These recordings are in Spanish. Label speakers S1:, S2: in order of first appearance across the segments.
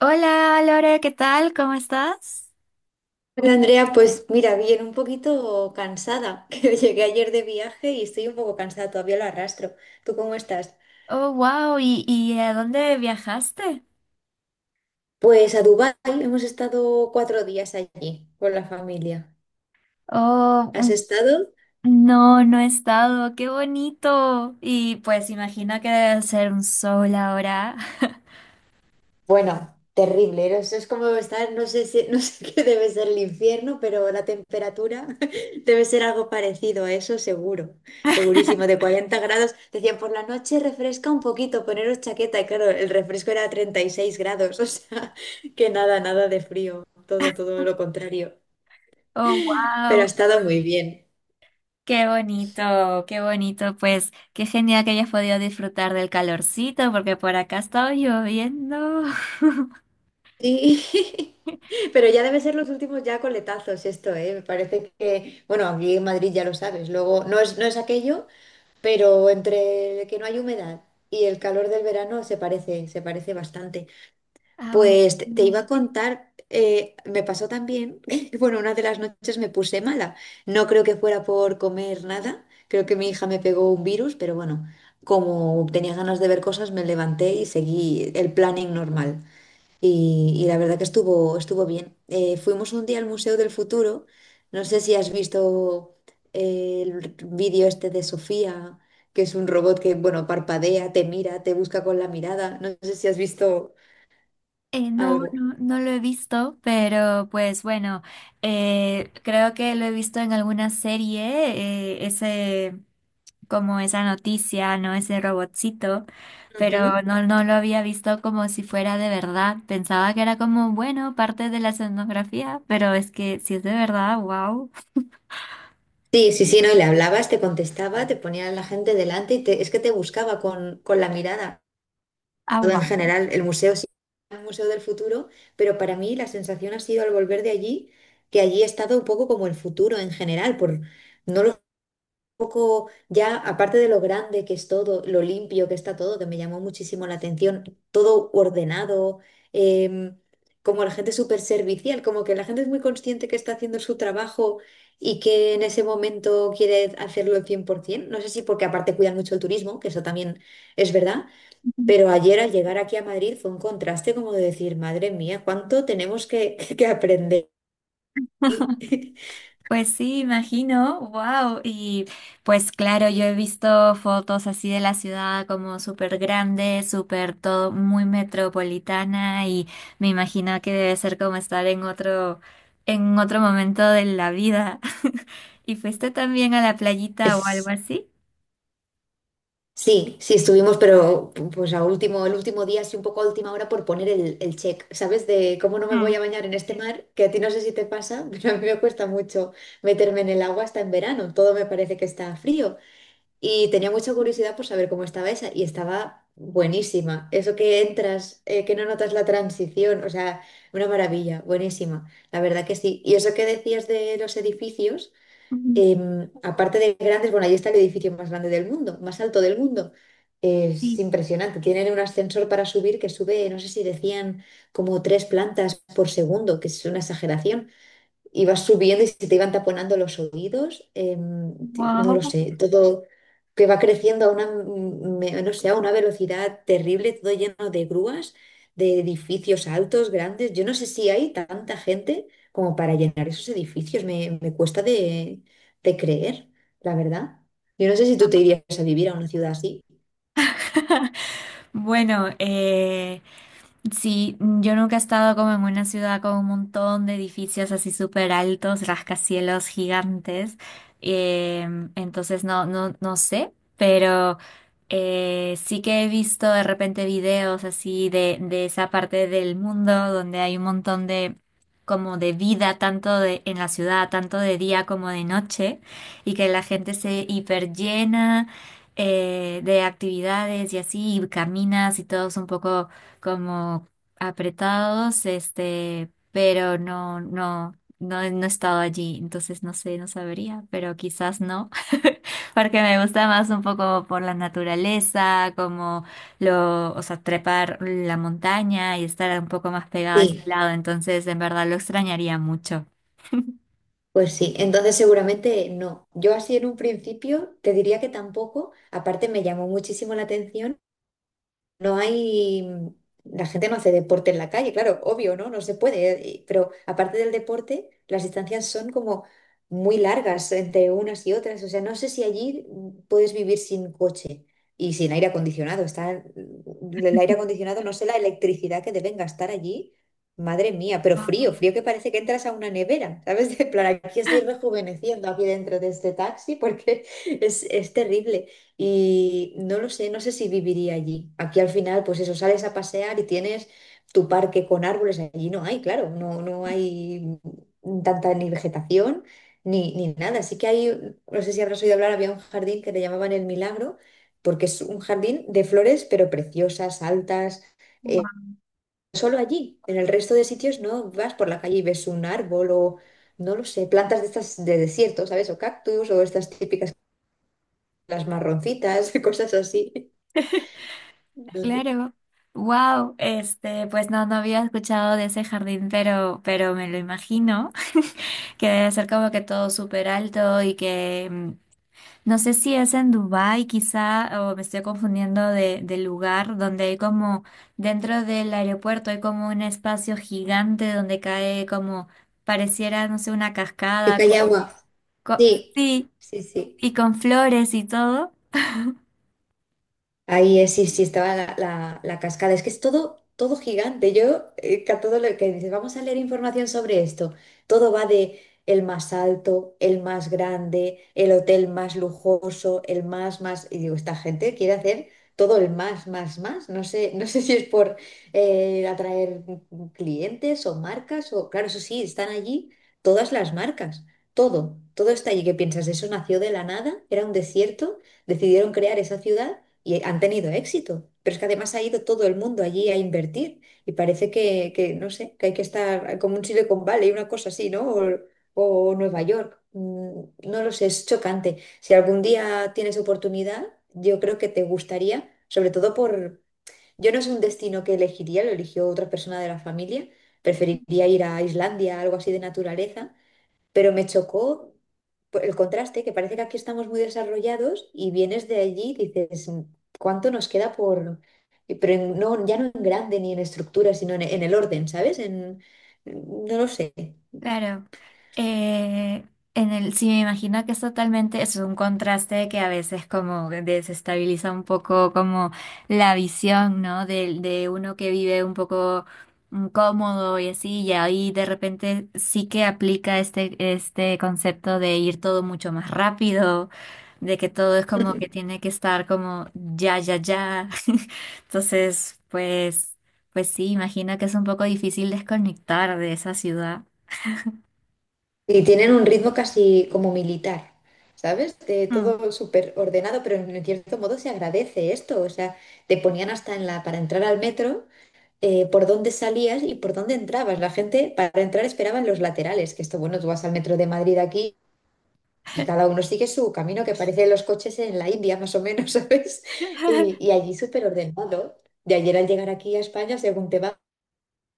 S1: Hola, Lore, ¿qué tal? ¿Cómo estás?
S2: Hola Andrea, pues mira, bien, un poquito cansada, que llegué ayer de viaje y estoy un poco cansada, todavía lo arrastro. ¿Tú cómo estás?
S1: Oh, wow, ¿y a dónde viajaste?
S2: Pues a Dubái hemos estado 4 días allí con la familia.
S1: Oh,
S2: ¿Has
S1: mm,
S2: estado?
S1: no he estado, qué bonito. Y pues imagino que debe ser un sol ahora.
S2: Bueno, terrible, ¿no? Eso es como estar, no sé si, no sé qué debe ser el infierno, pero la temperatura debe ser algo parecido a eso, seguro, segurísimo, de 40 grados. Decían, por la noche refresca un poquito, poneros chaqueta, y claro, el refresco era 36 grados, o sea, que nada, nada de frío, todo, todo lo contrario.
S1: Oh,
S2: Pero ha
S1: wow,
S2: estado muy bien.
S1: qué bonito, qué bonito. Pues qué genial que hayas podido disfrutar del calorcito, porque por acá ha estado lloviendo.
S2: Sí. Pero ya debe ser los últimos ya coletazos esto, ¿eh? Me parece que, bueno, aquí en Madrid ya lo sabes, luego no es aquello, pero entre el que no hay humedad y el calor del verano se parece bastante.
S1: Ah, bueno.
S2: Pues te iba a contar, me pasó también, bueno, una de las noches me puse mala. No creo que fuera por comer nada, creo que mi hija me pegó un virus, pero bueno, como tenía ganas de ver cosas, me levanté y seguí el planning normal. Y la verdad que estuvo bien. Fuimos un día al Museo del Futuro. No sé si has visto el vídeo este de Sofía, que es un robot que, bueno, parpadea, te mira, te busca con la mirada. No sé si has visto
S1: No,
S2: algo.
S1: no lo he visto, pero pues bueno, creo que lo he visto en alguna serie, ese, como esa noticia, ¿no? Ese robotcito,
S2: Ujú.
S1: pero no, no lo había visto como si fuera de verdad. Pensaba que era como, bueno, parte de la escenografía, pero es que si es de verdad, wow.
S2: Sí, sí, sí, no, y le hablabas, te contestaba, te ponía a la gente delante y es que te buscaba con la mirada.
S1: Ah,
S2: En
S1: wow.
S2: general el museo sí es un museo del futuro, pero para mí la sensación ha sido al volver de allí, que allí he estado un poco como el futuro en general, por no lo, un poco ya aparte de lo grande que es todo, lo limpio que está todo, que me llamó muchísimo la atención, todo ordenado, em, como la gente súper servicial, como que la gente es muy consciente que está haciendo su trabajo y que en ese momento quiere hacerlo al 100%. No sé si porque aparte cuidan mucho el turismo, que eso también es verdad, pero ayer al llegar aquí a Madrid fue un contraste como de decir, madre mía, ¿cuánto tenemos que, que aprender? Y
S1: Pues sí, imagino, wow. Y pues claro, yo he visto fotos así de la ciudad como súper grande, súper todo muy metropolitana y me imagino que debe ser como estar en otro momento de la vida. ¿Y fuiste también a la playita o algo
S2: Es,
S1: así?
S2: sí, sí estuvimos, pero pues a último, el último día, sí un poco a última hora por poner el check, ¿sabes? De cómo no me voy
S1: Mm.
S2: a bañar en este mar, que a ti no sé si te pasa, pero a mí me cuesta mucho meterme en el agua hasta en verano, todo me parece que está frío. Y tenía mucha curiosidad por saber cómo estaba esa y estaba buenísima. Eso que entras, que no notas la transición, o sea, una maravilla, buenísima. La verdad que sí. Y eso que decías de los edificios,
S1: Ujú.
S2: aparte de grandes, bueno, ahí está el edificio más grande del mundo, más alto del mundo. Es
S1: Sí.
S2: impresionante. Tienen un ascensor para subir que sube, no sé si decían como tres plantas por segundo, que es una exageración. Ibas subiendo y se te iban taponando los oídos, no lo
S1: Wow.
S2: sé, todo que va creciendo a una, no sé, a una velocidad terrible, todo lleno de grúas, de edificios altos, grandes. Yo no sé si hay tanta gente como para llenar esos edificios, me cuesta de creer, la verdad. Yo no sé si tú te irías a vivir a una ciudad así.
S1: Bueno, sí, yo nunca he estado como en una ciudad con un montón de edificios así súper altos, rascacielos gigantes. Entonces no sé, pero sí que he visto de repente videos así de esa parte del mundo donde hay un montón de como de vida, tanto de, en la ciudad, tanto de día como de noche, y que la gente se hiperllena de actividades y así, y caminas y todo es un poco como apretados, este, pero no he estado allí, entonces no sé, no sabría, pero quizás no, porque me gusta más un poco por la naturaleza, como lo, o sea, trepar la montaña y estar un poco más pegada a ese
S2: Sí,
S1: lado, entonces en verdad lo extrañaría mucho.
S2: pues sí, entonces seguramente no. Yo así en un principio te diría que tampoco. Aparte me llamó muchísimo la atención. No hay, la gente no hace deporte en la calle, claro, obvio, ¿no? No se puede, pero aparte del deporte, las distancias son como muy largas entre unas y otras, o sea, no sé si allí puedes vivir sin coche y sin aire acondicionado. El aire acondicionado, no sé la electricidad que deben gastar allí, madre mía, pero frío,
S1: Wow.
S2: frío que parece que entras a una nevera, ¿sabes? De plan, aquí estoy rejuveneciendo aquí dentro de este taxi porque es terrible. Y no lo sé, no sé si viviría allí. Aquí al final, pues eso, sales a pasear y tienes tu parque con árboles. Allí no hay, claro, no, no hay tanta ni vegetación ni nada. No sé si habrás oído hablar, había un jardín que le llamaban El Milagro, porque es un jardín de flores, pero preciosas, altas. eh, Solo allí, en el resto de sitios no vas por la calle y ves un árbol o, no lo sé, plantas de estas de desierto, ¿sabes? O cactus o estas típicas, las marroncitas, cosas así de
S1: Claro. Wow, este, pues no, no había escuchado de ese jardín, pero me lo imagino. Que debe ser como que todo súper alto y que mm, no sé si es en Dubái quizá o me estoy confundiendo de lugar donde hay como dentro del aeropuerto hay como un espacio gigante donde cae como pareciera no sé una cascada con,
S2: Callagua.
S1: con-
S2: Sí,
S1: sí
S2: sí, sí.
S1: y con flores y todo.
S2: Ahí es, sí, sí, estaba la cascada. Es que es todo, todo gigante. Yo, que a todo lo que dices, vamos a leer información sobre esto. Todo va de el más alto, el más grande, el hotel más lujoso, el más, más. Y digo, esta gente quiere hacer todo el más, más, más. No sé, no sé si es por atraer clientes o marcas o, claro, eso sí, están allí todas las marcas. Todo, todo está allí. ¿Qué piensas? ¿Eso nació de la nada? ¿Era un desierto? ¿Decidieron crear esa ciudad? Y han tenido éxito. Pero es que además ha ido todo el mundo allí a invertir y parece que, no sé, que hay que estar como un Silicon Valley, una cosa así, ¿no? O Nueva York. No lo sé, es chocante. Si algún día tienes oportunidad, yo creo que te gustaría, sobre todo por... Yo no, es un destino que elegiría, lo eligió otra persona de la familia. Preferiría ir a Islandia, algo así de naturaleza, pero me chocó por el contraste, que parece que aquí estamos muy desarrollados y vienes de allí y dices, ¿cuánto nos queda por...? Pero no, ya no en grande ni en estructura, sino en el orden, ¿sabes? No lo sé.
S1: Claro, eh, en el, sí me imagino que es totalmente, es un contraste que a veces como desestabiliza un poco como la visión, ¿no? De uno que vive un poco cómodo y así, y ahí de repente sí que aplica este concepto de ir todo mucho más rápido, de que todo es como que tiene que estar como ya, ya, ya. Entonces, pues, pues sí, imagino que es un poco difícil desconectar de esa ciudad.
S2: Y tienen un ritmo casi como militar, ¿sabes? De
S1: Mm.
S2: todo súper ordenado, pero en cierto modo se agradece esto. O sea, te ponían hasta para entrar al metro. Por dónde salías y por dónde entrabas. La gente para entrar esperaba en los laterales, que esto, bueno, tú vas al metro de Madrid aquí y cada uno sigue su camino, que parece los coches en la India, más o menos, ¿sabes? Y, y allí súper ordenado. De ayer al llegar aquí a España, según te vas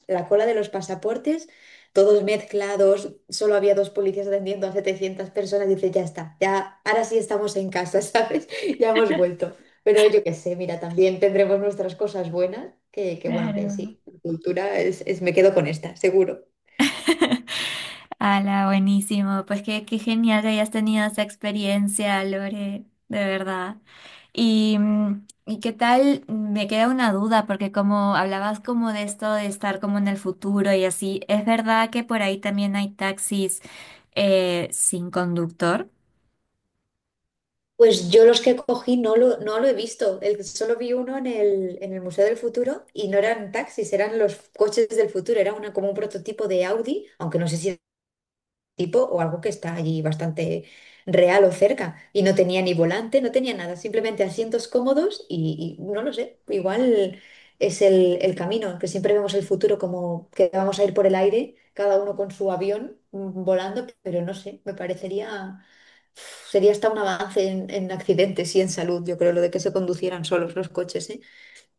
S2: la cola de los pasaportes, todos mezclados, solo había dos policías atendiendo a 700 personas, dice, ya está, ya, ahora sí estamos en casa, ¿sabes? Ya hemos vuelto. Pero yo qué sé, mira, también tendremos nuestras cosas buenas, que bueno, que
S1: Claro.
S2: sí, la cultura es, me quedo con esta, seguro.
S1: Ala, buenísimo. Pues qué genial que hayas tenido esa experiencia, Lore, de verdad. Y, mm, ¿y qué tal? Me queda una duda, porque como hablabas como de esto de estar como en el futuro y así, ¿es verdad que por ahí también hay taxis sin conductor?
S2: Pues yo los que cogí no lo he visto, solo vi uno en el Museo del Futuro, y no eran taxis, eran los coches del futuro, era como un prototipo de Audi, aunque no sé si tipo o algo que está allí bastante real o cerca. Y no tenía ni volante, no tenía nada, simplemente asientos cómodos y no lo sé, igual es el camino. Que siempre vemos el futuro como que vamos a ir por el aire, cada uno con su avión volando, pero no sé, me parecería, sería hasta un avance en accidentes y en salud, yo creo, lo de que se conducieran solos los coches, ¿eh?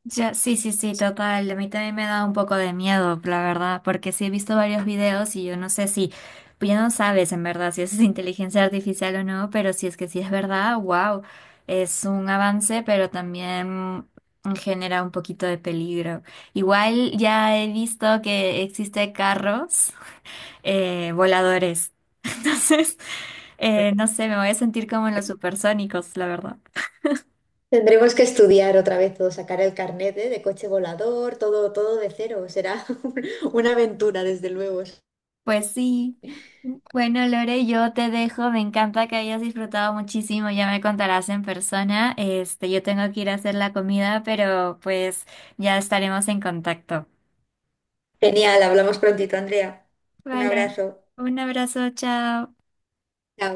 S1: Ya, sí, sí, sí, total. A mí también me da un poco de miedo, la verdad, porque sí he visto varios videos y yo no sé si, pues ya no sabes en verdad si eso es inteligencia artificial o no, pero si es que sí es verdad, wow, es un avance, pero también genera un poquito de peligro. Igual ya he visto que existe carros voladores, entonces, no sé, me voy a sentir como en los supersónicos, la verdad.
S2: Tendremos que estudiar otra vez todo, sacar el carnet, ¿eh?, de coche volador, todo, todo de cero. Será una aventura, desde luego.
S1: Pues sí. Bueno, Lore, yo te dejo. Me encanta que hayas disfrutado muchísimo. Ya me contarás en persona. Este, yo tengo que ir a hacer la comida, pero pues ya estaremos en contacto.
S2: Genial, hablamos prontito, Andrea. Un
S1: Vale.
S2: abrazo.
S1: Un abrazo, chao.
S2: Chao.